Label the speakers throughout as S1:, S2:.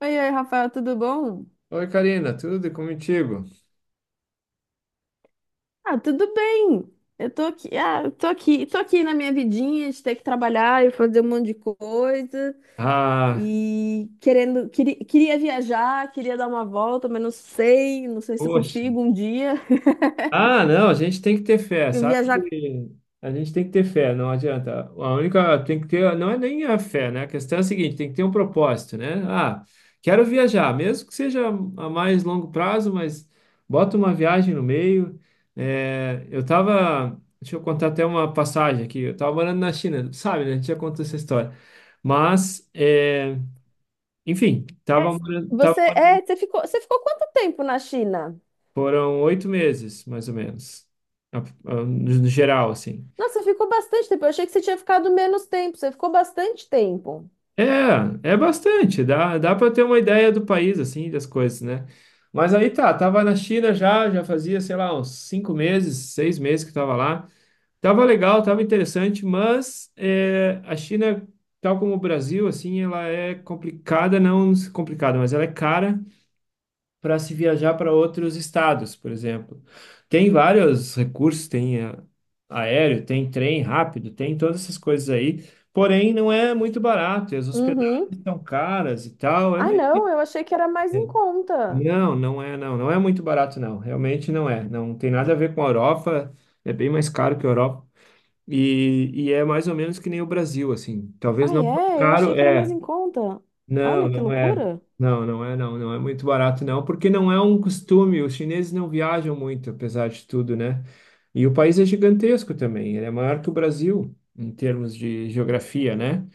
S1: Oi, oi, Rafael, tudo bom?
S2: Oi, Karina, tudo e contigo?
S1: Ah, tudo bem. Eu tô aqui, tô aqui na minha vidinha de ter que trabalhar e fazer um monte de coisa
S2: Ah,
S1: e queria viajar, queria dar uma volta, mas não sei, não sei se eu
S2: poxa.
S1: consigo um dia
S2: Ah, não, a gente tem que ter fé,
S1: eu
S2: sabe?
S1: viajar.
S2: Que A gente tem que ter fé, não adianta. A única tem que ter, não é nem a fé, né? A questão é a seguinte, tem que ter um propósito, né? Ah, quero viajar, mesmo que seja a mais longo prazo, mas bota uma viagem no meio. É, eu tava, deixa eu contar até uma passagem aqui. Eu tava morando na China, sabe, né? A gente já contou essa história. Mas, é, enfim,
S1: É,
S2: tava morando, tava.
S1: Você, você ficou quanto tempo na China?
S2: Foram 8 meses, mais ou menos, a- no geral, assim.
S1: Nossa, você ficou bastante tempo. Eu achei que você tinha ficado menos tempo. Você ficou bastante tempo.
S2: É bastante, dá para ter uma ideia do país, assim, das coisas, né? Mas aí tá, tava na China já fazia, sei lá, uns 5 meses, 6 meses que tava lá. Tava legal, tava interessante, mas é, a China, tal como o Brasil, assim, ela é complicada, não complicada, mas ela é cara para se viajar para outros estados, por exemplo. Tem vários recursos, tem aéreo, tem trem rápido, tem todas essas coisas aí, porém não é muito barato, e as hospedagens
S1: Uhum.
S2: são caras e tal, é
S1: Ah,
S2: meio...
S1: não, eu achei que era mais em conta.
S2: Não, não é, não, não é muito barato, não, realmente não é, não tem nada a ver com a Europa, é bem mais caro que a Europa, e é mais ou menos que nem o Brasil, assim, talvez
S1: Ah,
S2: não tão
S1: é? Eu
S2: caro,
S1: achei que era mais
S2: é,
S1: em conta.
S2: não,
S1: Olha que
S2: não é.
S1: loucura.
S2: Não, não é, não. Não é muito barato, não, porque não é um costume. Os chineses não viajam muito, apesar de tudo, né? E o país é gigantesco também. Ele é maior que o Brasil, em termos de geografia, né?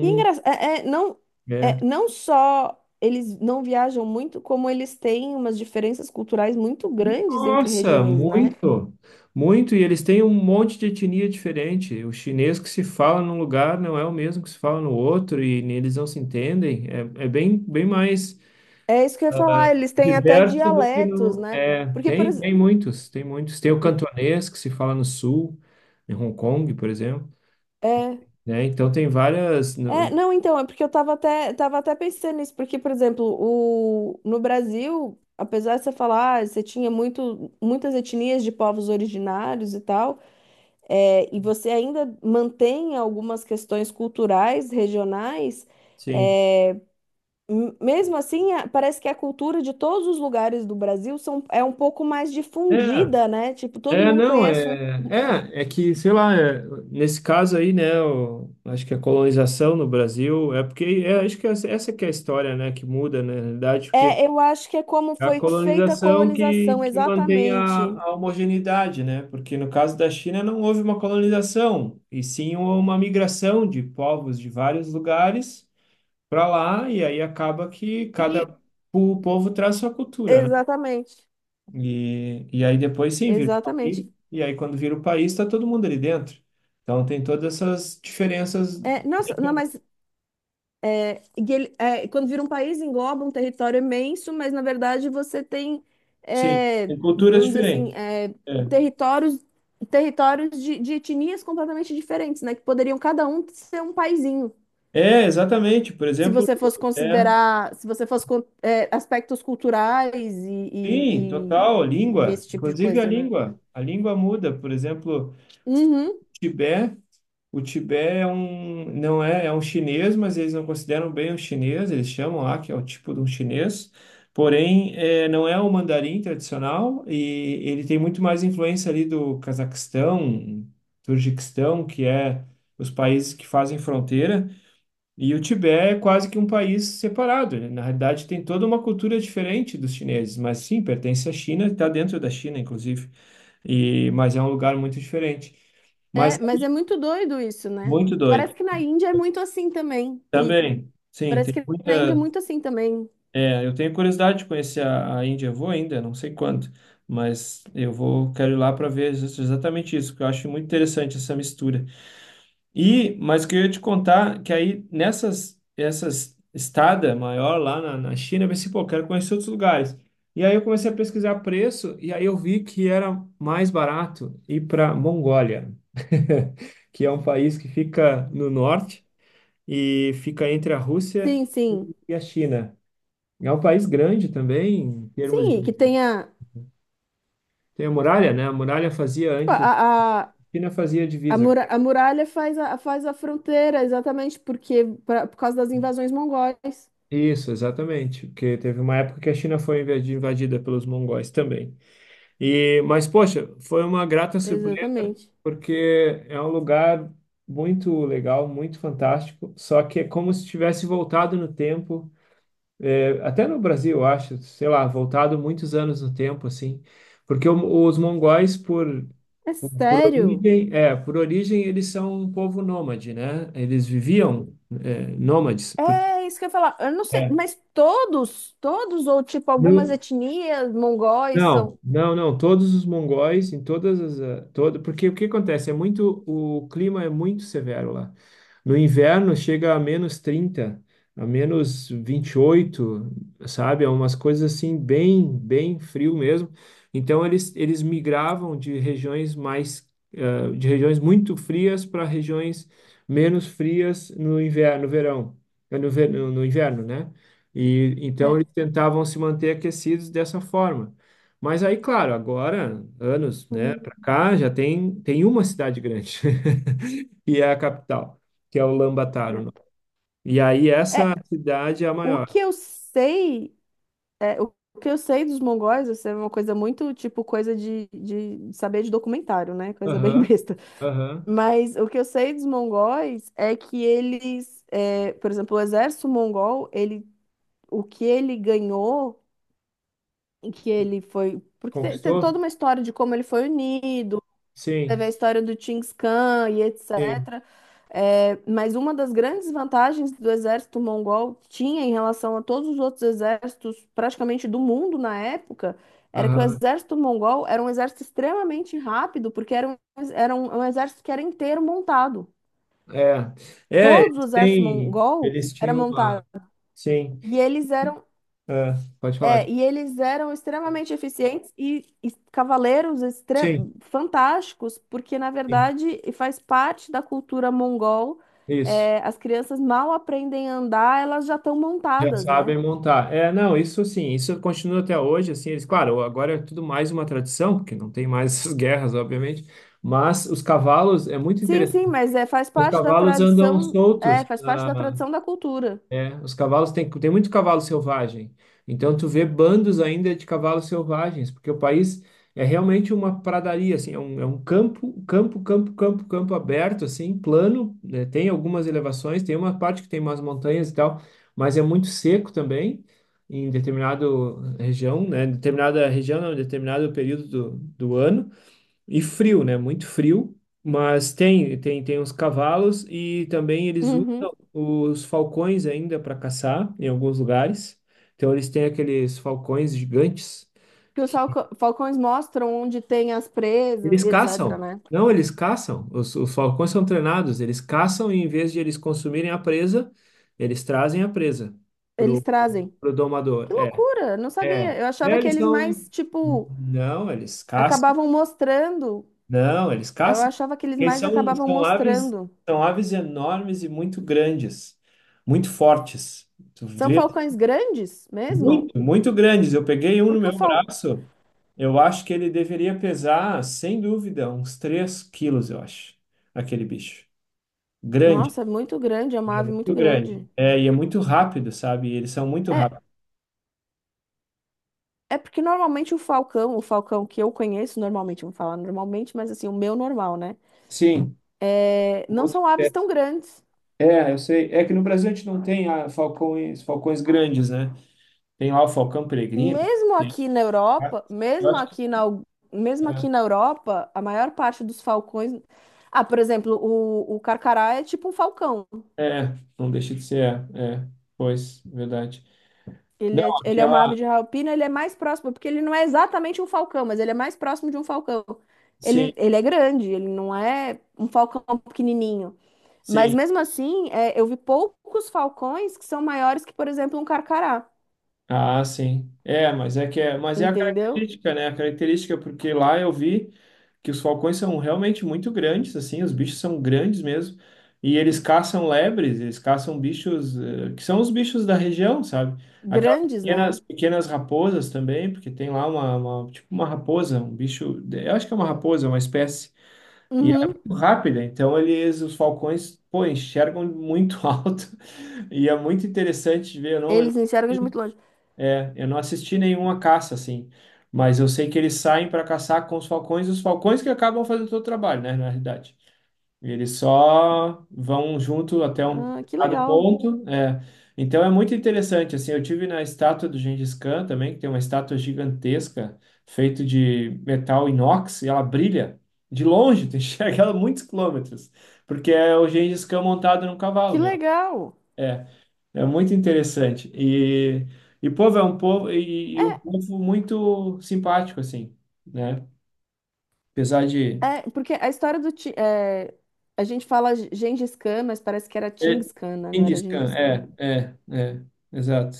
S1: E engraçado, não,
S2: é.
S1: é, não só eles não viajam muito, como eles têm umas diferenças culturais muito grandes entre
S2: Nossa,
S1: regiões, né?
S2: muito, muito. E eles têm um monte de etnia diferente. O chinês que se fala num lugar não é o mesmo que se fala no outro, e eles não se entendem. É bem, bem mais.
S1: É isso que eu ia falar, eles têm até
S2: Diverso do que
S1: dialetos,
S2: no.
S1: né?
S2: É,
S1: Porque, por
S2: tem,
S1: exemplo.
S2: tem muitos, tem muitos. Tem o cantonês, que se fala no sul, em Hong Kong, por exemplo,
S1: É,
S2: né? Então tem várias.
S1: não, então, é porque eu tava até pensando nisso, porque, por exemplo, no Brasil, apesar de você falar, ah, você tinha muitas etnias de povos originários e tal. É, e você ainda mantém algumas questões culturais, regionais,
S2: Sim.
S1: é, mesmo assim, parece que a cultura de todos os lugares do Brasil são, é um pouco mais
S2: É,
S1: difundida, né? Tipo, todo
S2: é,
S1: mundo
S2: não,
S1: conhece um.
S2: é que, sei lá, é, nesse caso aí, né, eu acho que a colonização no Brasil é porque, acho que essa que é a história, né, que muda, né, na realidade, porque
S1: É, eu acho que é como
S2: É a
S1: foi feita a
S2: colonização que,
S1: colonização,
S2: que mantém a,
S1: exatamente.
S2: a homogeneidade, né? Porque no caso da China não houve uma colonização, e sim uma migração de povos de vários lugares para lá, e aí acaba que cada
S1: E-
S2: povo traz sua cultura, né?
S1: Exatamente,
S2: E aí depois sim vira o
S1: exatamente.
S2: país, e aí quando vira o país está todo mundo ali dentro. Então tem todas essas diferenças,
S1: É, nossa, não, mas e ele, é, quando vira um país, engloba um território imenso, mas na verdade você tem,
S2: sim,
S1: é,
S2: tem culturas
S1: vamos dizer assim,
S2: diferentes.
S1: é,
S2: É,
S1: territórios, territórios de etnias completamente diferentes, né? Que poderiam cada um ser um paizinho.
S2: É, exatamente. Por
S1: Se
S2: exemplo,
S1: você fosse
S2: é.
S1: considerar, se você fosse, é, aspectos culturais
S2: Sim, total,
S1: e
S2: língua.
S1: esse tipo de
S2: Inclusive a
S1: coisa, né?
S2: língua. A língua muda. Por exemplo,
S1: Uhum.
S2: Tibete, o Tibete é um, não é, é um chinês, mas eles não consideram bem um chinês, eles chamam lá que é o tipo de um chinês. Porém, não é o mandarim tradicional e ele tem muito mais influência ali do Cazaquistão, Turquistão, que é os países que fazem fronteira. E o Tibete é quase que um país separado, né? Na realidade, tem toda uma cultura diferente dos chineses, mas sim, pertence à China, está dentro da China, inclusive, mas é um lugar muito diferente. Mas é
S1: É, mas é muito doido isso, né?
S2: muito doido.
S1: Parece que na Índia é muito assim também.
S2: Também, sim,
S1: Parece
S2: tem
S1: que na Índia é
S2: muita.
S1: muito assim também.
S2: Eu tenho curiosidade de conhecer a Índia, eu vou ainda, não sei quando, mas eu vou, quero ir lá para ver exatamente isso, porque eu acho muito interessante essa mistura. Mas o que eu ia te contar que aí nessas essas estada maior lá na China, eu pensei, pô, quero conhecer outros lugares. E aí eu comecei a pesquisar preço e aí eu vi que era mais barato ir para Mongólia, que é um país que fica no norte e fica entre a Rússia
S1: Sim, sim.
S2: e a China. É um país grande também, em termos
S1: Sim, e
S2: de...
S1: que tenha.
S2: Tem a muralha, né? A muralha fazia
S1: Tipo,
S2: antes, a China fazia
S1: a,
S2: divisa.
S1: a muralha faz a, faz a fronteira, exatamente, porque por causa das invasões mongóis.
S2: Isso, exatamente, porque teve uma época que a China foi invadida pelos mongóis também. Mas poxa, foi uma grata surpresa
S1: Exatamente.
S2: porque é um lugar muito legal, muito fantástico, só que é como se tivesse voltado no tempo, é, até no Brasil, eu acho, sei lá, voltado muitos anos no tempo assim, porque os mongóis por
S1: É
S2: por
S1: sério?
S2: origem, é, por origem eles são um povo nômade, né? Eles viviam nômades, porque
S1: É isso que eu ia falar. Eu não sei,
S2: é,
S1: mas todos, todos, ou tipo, algumas
S2: no,
S1: etnias mongóis
S2: Não,
S1: são.
S2: não, não. Todos os mongóis, em todas as, todo, porque o que acontece é muito, o clima é muito severo lá. No inverno chega a -30, a -28, sabe? É umas coisas assim bem, bem frio mesmo. Então eles migravam de regiões mais, de regiões muito frias para regiões menos frias no inverno, no verão, no inverno, né? E então eles
S1: É.
S2: tentavam se manter aquecidos dessa forma. Mas aí, claro, agora, anos, né, para
S1: Hum,
S2: cá, já tem uma cidade grande, e é a capital, que é o Lambataro, o nome. E aí,
S1: é.
S2: essa
S1: É,
S2: cidade é a
S1: o
S2: maior.
S1: que eu sei, é, o que eu sei dos mongóis, isso é uma coisa muito, tipo, coisa de saber de documentário, né? Coisa bem
S2: Aham,
S1: besta.
S2: aham.
S1: Mas o que eu sei dos mongóis é que eles, é, por exemplo, o exército mongol, ele, o que ele ganhou, e que ele foi. Porque tem, tem
S2: Conquistou?
S1: toda uma história de como ele foi unido, teve a
S2: Sim,
S1: história do Chinggis Khan e
S2: sim.
S1: etc. É, mas uma das grandes vantagens do exército mongol tinha em relação a todos os outros exércitos, praticamente do mundo na época, era que o
S2: Aham.
S1: exército mongol era um exército extremamente rápido, porque era um exército que era inteiro montado.
S2: É. É,
S1: Todos o
S2: eles
S1: exército
S2: têm,
S1: mongol
S2: eles
S1: era
S2: tinham uma.
S1: montado
S2: Sim,
S1: e eles eram
S2: é, pode falar.
S1: é, e eles eram extremamente eficientes e cavaleiros
S2: Sim,
S1: fantásticos, porque na
S2: sim.
S1: verdade e faz parte da cultura mongol.
S2: Isso.
S1: É, as crianças mal aprendem a andar, elas já estão
S2: Já
S1: montadas, né?
S2: sabem montar. É, não, isso sim, isso continua até hoje, assim, eles, claro, agora é tudo mais uma tradição, porque não tem mais essas guerras, obviamente, mas os cavalos, é muito
S1: Sim, sim,
S2: interessante,
S1: mas é, faz
S2: os
S1: parte da
S2: cavalos andam
S1: tradição, é,
S2: soltos
S1: faz parte da tradição da cultura.
S2: os cavalos tem muito cavalo selvagem. Então tu vê bandos ainda de cavalos selvagens, porque o país é realmente uma pradaria, assim, é um campo, campo, campo, campo, campo aberto, assim, plano, né? Tem algumas elevações, tem uma parte que tem umas montanhas e tal, mas é muito seco também em determinada região, né? Determinada região, não, determinado período do ano. E frio, né? Muito frio, mas tem uns cavalos e também eles usam
S1: Uhum.
S2: os falcões ainda para caçar em alguns lugares. Então eles têm aqueles falcões gigantes.
S1: Que os falcões mostram onde tem as presas
S2: Eles
S1: e etc,
S2: caçam.
S1: né?
S2: Não, eles caçam. Os falcões são treinados. Eles caçam e em vez de eles consumirem a presa, eles trazem a presa
S1: Eles
S2: pro,
S1: trazem.
S2: pro domador.
S1: Que
S2: É,
S1: loucura, não
S2: é.
S1: sabia. Eu
S2: É,
S1: achava que
S2: eles
S1: eles
S2: são.
S1: mais, tipo,
S2: Não, eles caçam.
S1: acabavam mostrando.
S2: Não, eles
S1: Eu
S2: caçam.
S1: achava que eles
S2: Porque
S1: mais
S2: são,
S1: acabavam
S2: são aves,
S1: mostrando.
S2: são aves enormes e muito grandes, muito fortes. Tu
S1: São
S2: vê?
S1: falcões grandes mesmo?
S2: Muito, muito grandes. Eu peguei um no
S1: Porque
S2: meu
S1: o fal...
S2: braço, eu acho que ele deveria pesar, sem dúvida, uns 3 quilos, eu acho, aquele bicho. Grande,
S1: Nossa, é muito grande, é uma
S2: é
S1: ave muito
S2: muito grande.
S1: grande.
S2: É, e é muito rápido, sabe? Eles são muito
S1: É,
S2: rápidos.
S1: é porque normalmente o falcão que eu conheço normalmente, vamos falar normalmente, mas assim, o meu normal, né?
S2: Sim,
S1: É, não
S2: outra
S1: são aves
S2: espécie.
S1: tão grandes.
S2: É, eu sei. É que no Brasil a gente não tem falcões grandes, né? Tem lá o falcão peregrino.
S1: Mesmo aqui na
S2: Ah,
S1: Europa,
S2: eu
S1: mesmo
S2: acho que
S1: aqui na, mesmo aqui na Europa, a maior parte dos falcões. Ah, por exemplo, o carcará é tipo um falcão.
S2: é, não deixa de ser, é, é, pois, verdade. Não,
S1: Ele é uma ave
S2: aquela,
S1: de rapina, ele é mais próximo, porque ele não é exatamente um falcão, mas ele é mais próximo de um falcão.
S2: sim,
S1: Ele é grande, ele não é um falcão pequenininho. Mas
S2: sim,
S1: mesmo assim, é, eu vi poucos falcões que são maiores que, por exemplo, um carcará.
S2: sim, é, mas é que é, mas é a
S1: Entendeu?
S2: característica, né? A característica, é porque lá eu vi que os falcões são realmente muito grandes, assim, os bichos são grandes mesmo, e eles caçam lebres, eles caçam bichos, que são os bichos da região, sabe? Aquelas
S1: Grandes, né?
S2: pequenas, pequenas raposas também, porque tem lá tipo uma raposa, um bicho, eu acho que é uma raposa, uma espécie. E ela é
S1: Uhum.
S2: muito rápida, então eles, os falcões, pô, enxergam muito alto. E é muito interessante de ver. Eu não, eu
S1: Eles enxergam de muito longe.
S2: não, eu não assisti nenhuma caça, assim. Mas eu sei que eles saem para caçar com os falcões, e os falcões que acabam fazendo todo o trabalho, né, na realidade. E eles só vão junto até um
S1: Ah, que
S2: determinado
S1: legal.
S2: ponto. É. Então é muito interessante. Assim, eu tive na estátua do Gengis Khan também, que tem uma estátua gigantesca, feita de metal inox, e ela brilha de longe, tu enxerga ela muitos quilômetros, porque é o Gengis Khan montado num
S1: Que
S2: cavalo, né?
S1: legal!
S2: É, é muito interessante. E povo é um povo e
S1: É,
S2: um povo muito simpático, assim, né? Apesar de.
S1: porque a história do. É, a gente fala Gengis Khan, mas parece que era
S2: É,
S1: Chinggis Khan, né? Não era
S2: Genghis
S1: Gengis Khan.
S2: é, exato.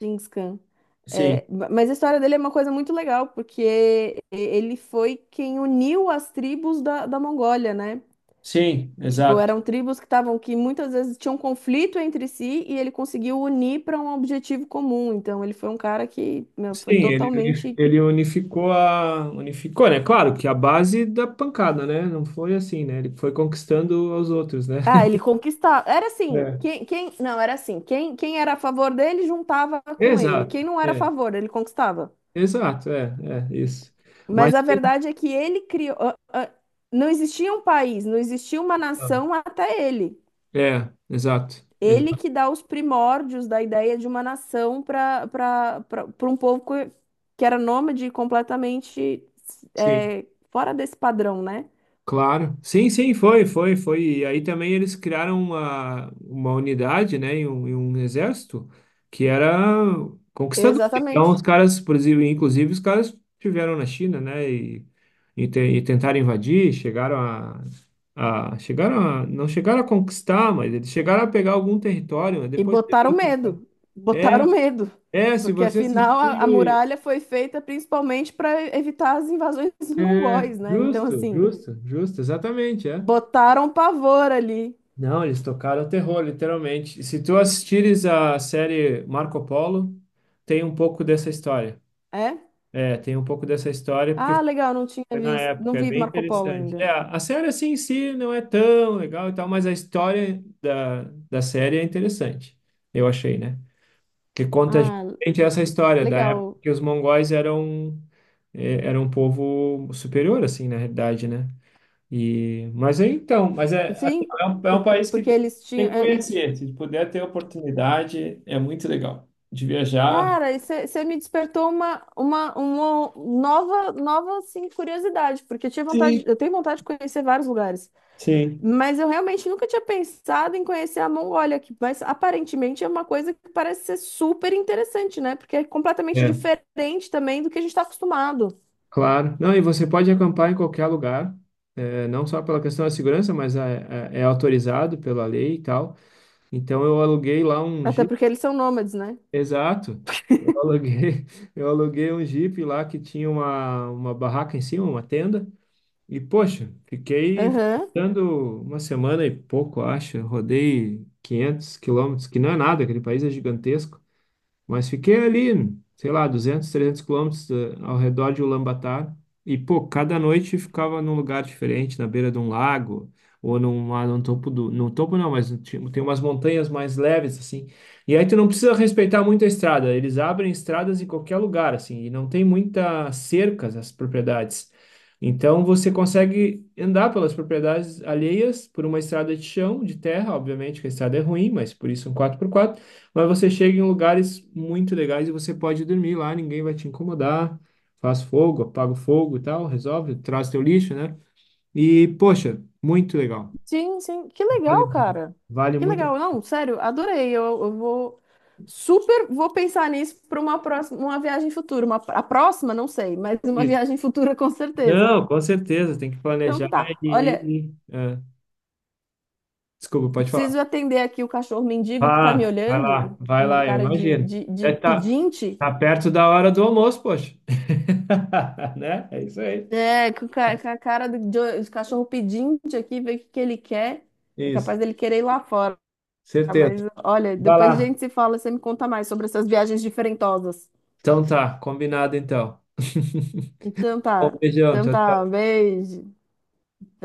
S1: Chinggis Khan.
S2: Sim,
S1: É, mas a história dele é uma coisa muito legal, porque ele foi quem uniu as tribos da, da Mongólia, né?
S2: sim,
S1: Tipo,
S2: exato.
S1: eram tribos que estavam, que muitas vezes tinham um conflito entre si e ele conseguiu unir para um objetivo comum. Então, ele foi um cara que, meu, foi
S2: Sim, ele, uni-
S1: totalmente.
S2: ele unificou a. Unificou, né? Claro que a base da pancada, né? Não foi assim, né? Ele foi conquistando aos outros, né?
S1: Ah, ele conquistava. Era assim,
S2: É.
S1: não, era assim, quem, quem era a favor dele juntava com ele,
S2: Exato,
S1: quem não era a
S2: é,
S1: favor, ele conquistava.
S2: exato, é, isso.
S1: Mas
S2: Mas
S1: a
S2: sim,
S1: verdade é que ele criou, não existia um país, não existia uma nação até ele.
S2: é, exato,
S1: Ele
S2: exato,
S1: que dá os primórdios da ideia de uma nação para para um povo que era nômade e completamente
S2: sim.
S1: é, fora desse padrão, né?
S2: Claro. Sim, sim, foi, foi, foi. E aí também eles criaram uma unidade, né, e um exército que era conquistador. Então, os
S1: Exatamente.
S2: caras, por exemplo, inclusive, os caras estiveram na China, né, e tentaram invadir, chegaram a, chegaram a, não chegaram a conquistar, mas eles chegaram a pegar algum território, mas
S1: E
S2: depois teve
S1: botaram
S2: É,
S1: medo,
S2: é, se
S1: porque
S2: você
S1: afinal a
S2: assistir,
S1: muralha foi feita principalmente para evitar as invasões
S2: é,
S1: mongóis, né? Então,
S2: justo,
S1: assim,
S2: justo, justo, exatamente, é.
S1: botaram pavor ali,
S2: Não, eles tocaram terror, literalmente. Se tu assistires a série Marco Polo, tem um pouco dessa história.
S1: é?
S2: É, tem um pouco dessa história porque
S1: Ah, legal, não tinha
S2: foi na
S1: visto, não
S2: época, é
S1: vi
S2: bem
S1: Marco Polo
S2: interessante. É,
S1: ainda.
S2: a série assim em si não é tão legal e tal, mas a história da série é interessante, eu achei, né? Que conta
S1: Ah,
S2: gente essa história da época
S1: legal.
S2: que os mongóis eram um povo superior, assim, na realidade, né? Mas é então, mas é, assim,
S1: Sim,
S2: é um
S1: por-
S2: país que
S1: porque
S2: tem,
S1: eles
S2: tem
S1: tinham,
S2: que
S1: eh, eles...
S2: conhecer. Se puder ter oportunidade, é muito legal de viajar.
S1: Cara, você me despertou uma nova, nova assim, curiosidade, porque eu tinha
S2: Sim.
S1: vontade, eu tenho vontade de conhecer vários lugares.
S2: Sim,
S1: Mas eu realmente nunca tinha pensado em conhecer a Mongólia que mas aparentemente é uma coisa que parece ser super interessante, né? Porque é completamente
S2: é,
S1: diferente também do que a gente está acostumado.
S2: claro. Não, e você pode acampar em qualquer lugar, é, não só pela questão da segurança, mas é autorizado pela lei e tal. Então eu aluguei lá um
S1: Até
S2: Jeep,
S1: porque eles são nômades, né?
S2: exato. Eu aluguei, eu aluguei um Jeep lá que tinha uma barraca em cima, uma tenda. E, poxa, fiquei
S1: Aham.
S2: visitando uma semana e pouco, acho. Rodei 500 quilômetros, que não é nada, aquele país é gigantesco. Mas fiquei ali, sei lá, 200, 300 quilômetros ao redor de Ulaanbaatar. E, pô, cada noite ficava num lugar diferente, na beira de um lago, ou num topo do... No topo não, mas tem umas montanhas mais leves, assim. E aí tu não precisa respeitar muito a estrada. Eles abrem estradas em qualquer lugar, assim. E não tem muita cercas as propriedades. Então você consegue andar pelas propriedades alheias por uma estrada de chão, de terra, obviamente que a estrada é ruim, mas por isso um quatro por quatro. Mas você chega em lugares muito legais e você pode dormir lá, ninguém vai te incomodar. Faz fogo, apaga o fogo e tal, resolve, traz teu lixo, né? E, poxa, muito legal.
S1: Sim, sim. Que
S2: Vale,
S1: legal, cara.
S2: vale
S1: Que
S2: muito a
S1: legal. Não, sério, adorei. Eu vou super vou pensar nisso para uma próxima, uma viagem futura. Uma, a próxima, não sei, mas uma
S2: pena.
S1: viagem futura com certeza.
S2: Não, com certeza, tem que
S1: Então
S2: planejar
S1: tá. Olha,
S2: e. e- é. Desculpa,
S1: eu
S2: pode falar.
S1: preciso atender aqui o cachorro mendigo que tá me
S2: Ah,
S1: olhando com
S2: vai
S1: uma
S2: lá, eu
S1: cara
S2: imagino. É
S1: de
S2: tá,
S1: pedinte.
S2: tá perto da hora do almoço, poxa. Né? É isso aí.
S1: É, com com a cara do, de cachorro pedinte aqui, ver o que que ele quer. É
S2: Isso,
S1: capaz dele querer ir lá fora.
S2: certeza.
S1: Mas olha,
S2: Vai
S1: depois a
S2: lá.
S1: gente se fala, você me conta mais sobre essas viagens diferentosas.
S2: Então tá, combinado então.
S1: Então
S2: Bom,
S1: tá,
S2: beijão,
S1: então
S2: tchau,
S1: tá, um
S2: tchau.
S1: beijo.